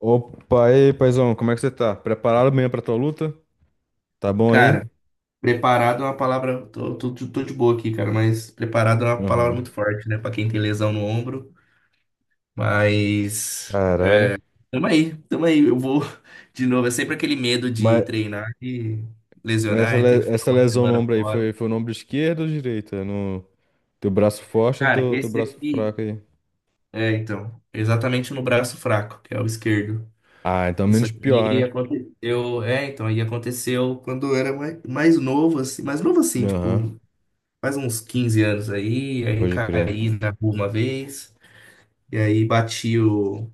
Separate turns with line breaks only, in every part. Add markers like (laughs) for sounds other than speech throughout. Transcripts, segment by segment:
Opa, e aí, paizão, como é que você tá? Preparado mesmo pra tua luta? Tá bom aí?
Cara, preparado é uma palavra. Tô de boa aqui, cara, mas preparado é uma palavra
Aham.
muito forte, né? Pra quem tem lesão no ombro. Mas.
Caralho.
Tamo aí, tamo aí. Eu vou (laughs) de novo. É sempre aquele medo de
Mas,
treinar e
mas essa,
lesionar e ter
le-
que ficar
essa
uma
lesão no
semana
ombro aí,
fora.
foi no ombro esquerdo ou direito? É no teu braço forte ou no
Cara,
teu
esse
braço
aqui.
fraco aí?
É, então. Exatamente no braço fraco, que é o esquerdo.
Ah, então
Isso
menos pior,
aqui
né?
aconteceu. É, então. Aí aconteceu quando eu era mais novo, assim. Mais novo, assim,
Aham,
tipo. Faz uns 15 anos aí, aí
pode crer.
caí na rua uma vez, e aí bati o.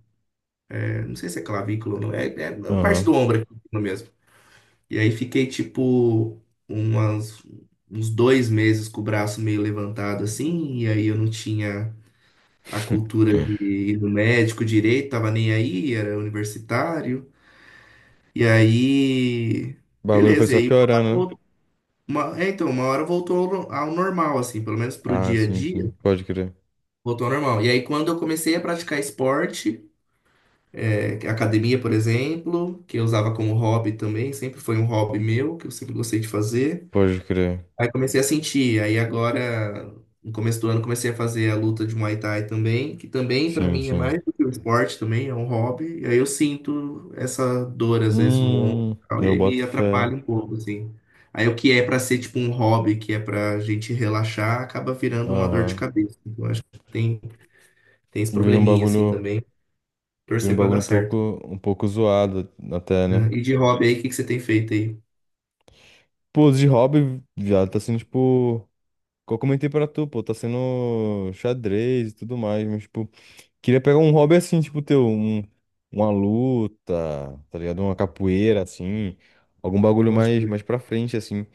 É, não sei se é clavícula ou não, é a parte do
Aham.
ombro aqui mesmo. E aí fiquei tipo umas, uns 2 meses com o braço meio levantado assim, e aí eu não tinha a
(laughs)
cultura de ir no médico direito, tava nem aí, era universitário. E aí,
O bagulho foi
beleza, e
só
aí uma, hora
piorando, né?
voltou- uma- é, então, uma hora voltou ao normal, assim, pelo menos pro
Ah,
dia a
sim, sim,
dia.
pode crer.
Voltou ao normal. E aí, quando eu comecei a praticar esporte, é, academia, por exemplo, que eu usava como hobby também, sempre foi um hobby meu, que eu sempre gostei de fazer.
Pode crer.
Aí comecei a sentir. Aí agora, no começo do ano, comecei a fazer a luta de Muay Thai também, que também pra
Sim,
mim é
sim.
mais do que um esporte também, é um hobby. E aí eu sinto essa dor às vezes no ombro,
Hum,
e tal, e
eu
aí me
boto fé.
atrapalha um pouco, assim. Aí o que é pra ser tipo um hobby, que é pra gente relaxar, acaba virando uma dor de
Aham.
cabeça. Então acho que tem esse
Vira um
probleminha assim
bagulho.
também.
Vira
Torcer
um
pra dar
bagulho
certo.
um pouco zoado até, né?
Né? E de hobby aí, o que que você tem feito aí?
Pô, de hobby já tá sendo, tipo, que eu comentei pra tu, pô, tá sendo xadrez e tudo mais, mas, tipo, queria pegar um hobby assim, tipo, teu, um, uma luta, tá ligado? Uma capoeira, assim, algum bagulho
Pode
mais,
crer.
mais pra frente, assim.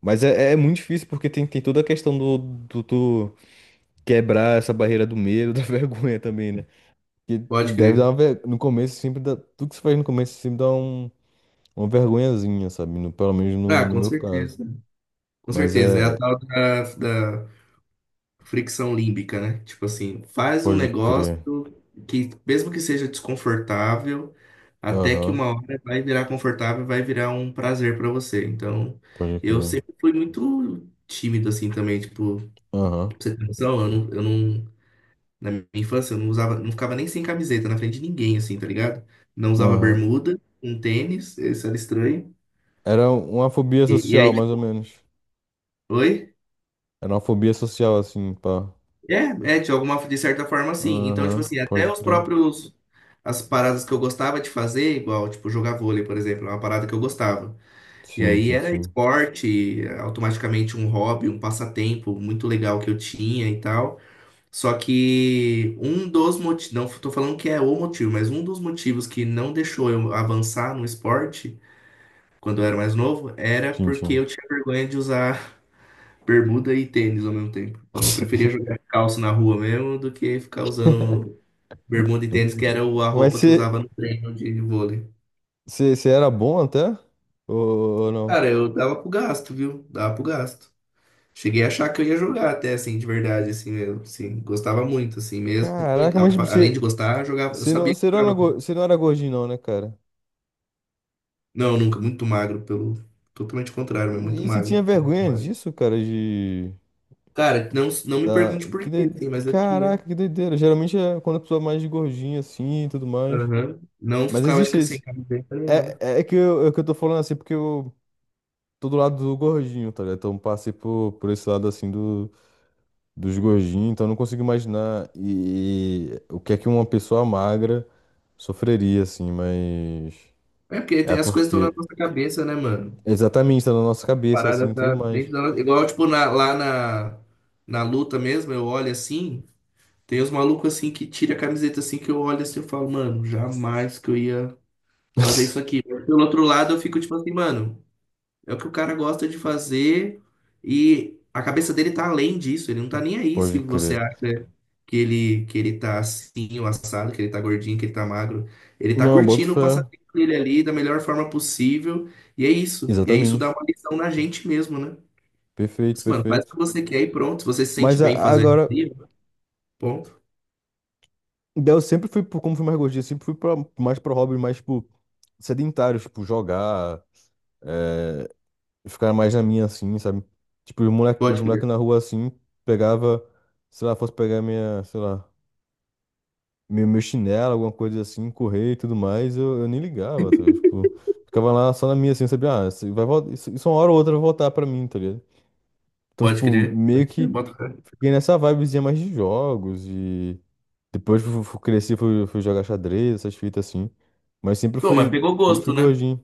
Mas é, é muito difícil porque tem toda a questão do tu quebrar essa barreira do medo, (laughs) da vergonha também, né? Que
Pode
deve dar
crer.
uma ver... No começo sempre dá... Tudo que você faz no começo sempre dá uma vergonhazinha, sabe? No- pelo menos
Ah,
no
com
meu caso.
certeza. Com
Mas
certeza. É
é.
a
É-
tal da fricção límbica, né? Tipo assim, faz um
Pode
negócio
crer.
que, mesmo que seja desconfortável, até que
Aham.
uma hora vai virar confortável, vai virar um prazer pra você. Então,
Pode
eu
crer.
sempre fui muito tímido assim também. Tipo,
Aham.
pra você ter noção, eu não na minha infância, eu não usava, não ficava nem sem camiseta na frente de ninguém, assim, tá ligado? Não usava
Aham.
bermuda, um tênis, isso era estranho.
Era uma fobia
E
social,
aí,
mais ou
tipo,
menos.
oi?
Era uma fobia social, assim, pá.
É, é, de alguma, de certa forma, sim. Então, tipo
Aham.
assim, até
Pode
os
crer.
próprios, as paradas que eu gostava de fazer, igual, tipo, jogar vôlei, por exemplo, é uma parada que eu gostava. E
Sim,
aí
sim,
era
sim.
esporte, automaticamente um hobby, um passatempo muito legal que eu tinha e tal. Só que um dos motivos, não tô falando que é o motivo, mas um dos motivos que não deixou eu avançar no esporte quando eu era mais novo era
Sim,
porque
sim.
eu tinha vergonha de usar (laughs) bermuda e tênis ao mesmo tempo. Então eu preferia jogar calça na rua mesmo do que ficar usando bermuda e tênis, que era a
(laughs) Mas
roupa que eu usava
você.
no treino de vôlei.
Você era bom até? Ou, ou não?
Cara, eu dava pro gasto, viu? Dava pro gasto. Cheguei a achar que eu ia jogar até assim, de verdade, assim mesmo. Assim, gostava muito, assim mesmo.
Caraca,
E,
mas tipo,
além de
você.
gostar, eu jogava, eu sabia que
Você não
eu
era, go-
jogava.
você não era gordinho, não, né, cara?
Não, nunca, muito magro, pelo totalmente contrário, mas muito
E você tinha
magro. Muito
vergonha
magro.
disso, cara, de.
Cara, não, não me
Da...
pergunte por
Que doi-
quê, assim, mas eu tinha.
Caraca, que doideira. Geralmente é quando a pessoa é mais gordinha assim e tudo mais.
Aham. Não
Mas
ficava
existe
de sem
esse.
camiseta nem nada.
É, é que eu tô falando assim porque eu tô do lado do gordinho, tá ligado? Então passei por esse lado assim do, dos gordinhos, então eu não consigo imaginar e o que é que uma pessoa magra sofreria, assim, mas.
É porque
É
tem, as coisas estão na
porque.
nossa cabeça, né, mano?
Exatamente, tá na nossa cabeça, assim,
Parada
e tudo
tá
mais.
dentro da nossa. Igual, tipo, lá na luta mesmo, eu olho assim, tem os malucos assim que tira a camiseta assim, que eu olho assim e falo, mano, jamais que eu ia fazer isso
(laughs)
aqui. Mas pelo outro lado, eu fico tipo assim, mano. É o que o cara gosta de fazer e a cabeça dele tá além disso. Ele não tá nem aí se
Pode
você
crer.
acha que ele tá assim, o assado, que ele tá gordinho, que ele tá magro. Ele tá
Não, boto
curtindo o
fé.
passatempo dele ali da melhor forma possível. E é isso. E é isso dá
Exatamente.
uma lição na gente mesmo, né?
Perfeito,
Assim, mano, faz o
perfeito.
que você quer e pronto. Se você se sente
Mas a-
bem fazendo
agora,
isso, ponto.
daí eu sempre fui, pro- como fui mais gordinho, eu sempre fui pra, mais pro hobby, mais, tipo, sedentário, tipo, jogar, é, ficar mais na minha, assim, sabe? Tipo, os
Pode
moleque
crer.
na rua, assim, pegava, sei lá, fosse pegar minha, sei lá, meu chinelo, alguma coisa assim, correr e tudo mais, eu nem ligava, tá ligado? Tipo, ficava lá só na minha, assim, sabia? Ah, isso, vai, vol- isso uma hora ou outra vai voltar pra mim, tá ligado? Então,
Pode
tipo,
crer.
meio
Pode crer.
que
Bota fé.
fiquei nessa vibezinha mais de jogos e depois fui, fui- cresci, fui jogar xadrez, essas fitas assim. Mas
Bom, mas pegou
sempre fui
gosto, né?
gordinho.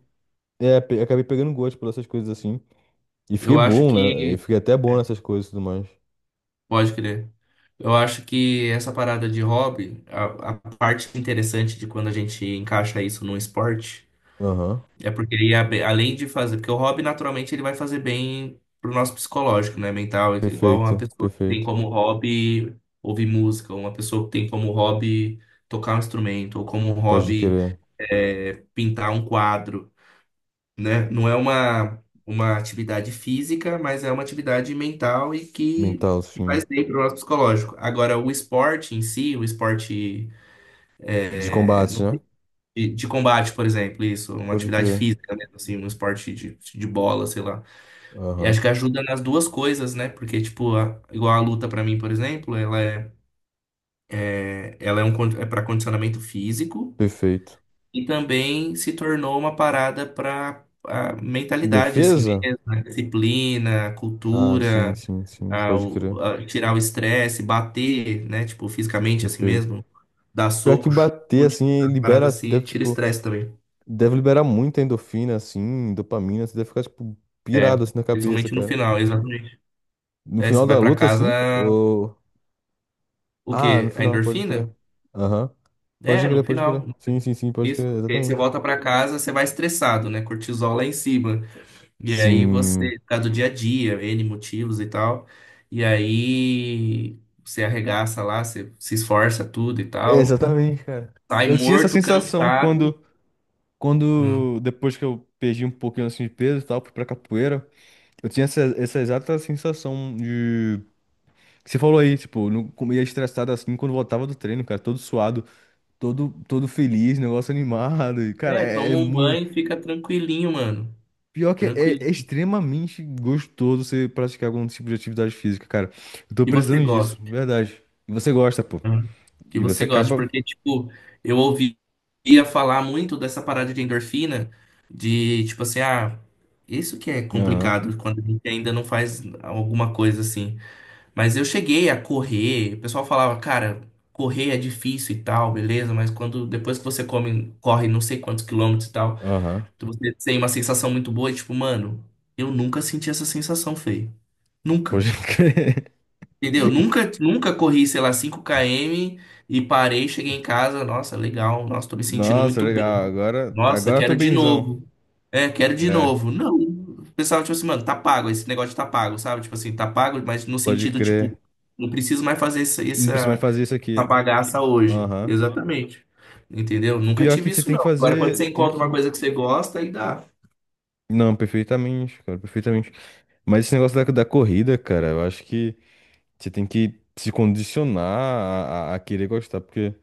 É, pe- acabei pegando gosto por essas coisas assim. E fiquei
Eu acho
bom, né? E
que.
fiquei até bom
É,
nessas coisas e tudo mais.
pode crer. Eu acho que essa parada de hobby, a parte interessante de quando a gente encaixa isso num esporte,
Aham.
é porque ele além de fazer, porque o hobby naturalmente ele vai fazer bem pro nosso psicológico, né, mental, igual uma
Perfeito,
pessoa que tem
perfeito.
como hobby ouvir música, uma pessoa que tem como hobby tocar um instrumento, ou como
Pode
hobby
crer.
pintar um quadro, né? Não é uma atividade física, mas é uma atividade mental e
Mental,
que
sim.
faz bem para o nosso psicológico. Agora, o esporte em si, o esporte
De
é,
combate,
não
né?
sei, de combate, por exemplo, isso, uma
Pode
atividade
crer.
física, né? Assim, um esporte de bola, sei lá. Eu acho
Aham.
que ajuda nas duas coisas, né? Porque, tipo, igual a luta para mim, por exemplo, ela é, é- ela é, um, con- é para condicionamento físico.
Perfeito.
E também se tornou uma parada para a mentalidade, assim
Defesa?
mesmo, a disciplina, a
Ah, sim,
cultura,
sim, sim. Pode crer.
a tirar o estresse, bater, né? Tipo, fisicamente, assim
Perfeito.
mesmo, dar
Pior que
soco,
bater,
chute,
assim,
a parada
libera, você
assim,
deve,
tira
tipo,
estresse também.
deve liberar muita endorfina, assim, dopamina, você deve ficar, tipo,
É,
pirado, assim, na cabeça,
principalmente no
cara.
final, exatamente.
No
É, você
final da
vai para
luta, assim,
casa,
ou...
o
Ah, no
quê? A
final, pode
endorfina?
crer. Aham. Pode
É,
crer,
no
pode
final.
crer. Sim, sim, sim, pode
Isso,
crer,
porque aí você
exatamente.
volta para casa, você vai estressado, né? Cortisol lá em cima. E aí
Sim.
você, por causa do dia a dia, N motivos e tal. E aí você arregaça lá, você se esforça tudo e
É,
tal.
exatamente, cara.
Sai
Eu tinha essa
morto,
sensação
cansado. Hum.
quando, depois que eu perdi um pouquinho, assim, de peso e tal, fui pra capoeira, eu tinha essa exata sensação que você falou aí, tipo, não comia estressado assim quando voltava do treino, cara, todo suado, todo feliz, negócio animado. E, cara,
É,
é, é
toma um
muito.
banho e fica tranquilinho, mano.
Pior que é, é
Tranquilinho.
é extremamente gostoso você praticar algum tipo de atividade física, cara. Eu tô
Que você
precisando disso,
gosta.
verdade. E você gosta, pô.
Hum. Que
E você
você gosta.
acaba.
Porque, tipo, eu ouvia falar muito dessa parada de endorfina, de tipo assim, ah, isso que é
Aham,
complicado quando a gente ainda não faz alguma coisa assim. Mas eu cheguei a correr, o pessoal falava, cara, correr é difícil e tal, beleza, mas quando depois que você come, corre não sei quantos quilômetros e tal,
aham.
você tem uma sensação muito boa e tipo, mano, eu nunca senti essa sensação, Fê.
Pode
Nunca.
(laughs) crer.
Entendeu? Nunca, nunca corri, sei lá, 5 km e parei, cheguei em casa. Nossa, legal. Nossa, tô me sentindo
Nossa,
muito bem.
legal. Agora,
Nossa,
agora eu tô
quero de
benzão.
novo. É, quero de
É,
novo. Não. O pessoal, tipo assim, mano, tá pago. Esse negócio tá pago, sabe? Tipo assim, tá pago, mas no
pode
sentido, tipo,
crer.
não preciso mais fazer essa,
Não precisa mais
essa,
fazer isso
essa
aqui.
bagaça hoje.
Aham.
Exatamente. Entendeu? Nunca
Pior que
tive
você
isso,
tem que
não. Agora, quando
fazer.
você
Tem
encontra uma
que.
coisa que você gosta, aí dá.
Não, perfeitamente, cara, perfeitamente. Mas esse negócio da corrida, cara, eu acho que você tem que se condicionar a querer gostar, porque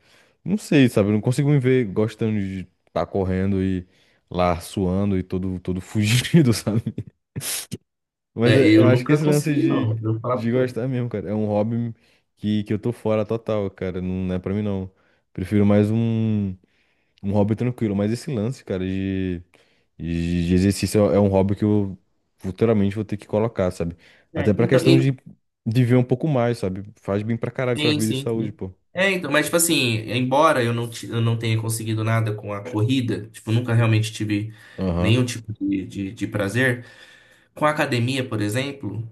não sei, sabe? Eu não consigo me ver gostando de estar correndo e lá suando e todo (laughs) fugido, sabe? Mas
É,
é-
eu
eu acho que
nunca
esse lance
consegui, não. Eu vou falar pra
de
você.
gostar mesmo, cara, é um hobby que eu tô fora total, cara, não é pra mim não. Prefiro mais um, um hobby tranquilo, mas esse lance, cara, de exercício é um hobby que eu futuramente vou ter que colocar, sabe? Até
É,
pra
então,
questão
e
de viver um pouco mais, sabe? Faz bem pra caralho pra
sim,
vida e
sim,
saúde,
sim.
pô.
É, então, mas tipo assim, embora eu não, eu não tenha conseguido nada com a corrida, tipo, nunca realmente tive
Aham,
nenhum tipo de prazer, com a academia, por exemplo,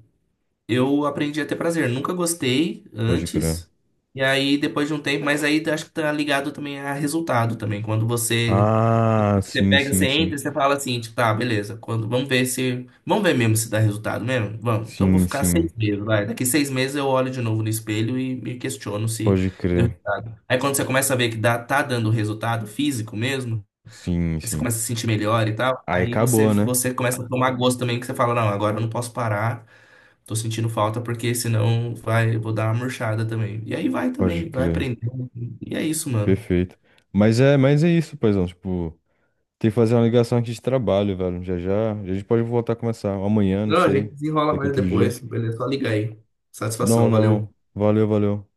eu aprendi a ter prazer. Nunca gostei
pode crer.
antes, e aí depois de um tempo, mas aí acho que tá ligado também a resultado também. Quando você,
Ah,
você
sim,
pega, você
sim, sim.
entra, você fala assim, tipo, tá, beleza, quando, vamos ver se, vamos ver mesmo se dá resultado mesmo? Vamos, então vou
Sim,
ficar seis
sim.
meses, vai. Daqui 6 meses eu olho de novo no espelho e me questiono se.
Pode
Deu.
crer.
Aí quando você começa a ver que dá, tá dando resultado físico mesmo,
Sim,
aí você
sim.
começa a se sentir melhor e tal,
Aí
aí você,
acabou, né?
você começa a tomar gosto também, que você fala, não, agora eu não posso parar, tô sentindo falta, porque senão vai, eu vou dar uma murchada também. E aí vai
Pode
também, vai
crer.
aprendendo. E é isso, mano.
Perfeito. Mas é isso, paizão. Tipo, tem que fazer uma ligação aqui de trabalho, velho. Já já. A gente pode voltar a começar. Amanhã, não
Não, a
sei.
gente desenrola
Daqui
mais
outro dia.
depois, beleza? Só liga aí.
Não,
Satisfação,
não,
valeu.
não. Valeu, valeu.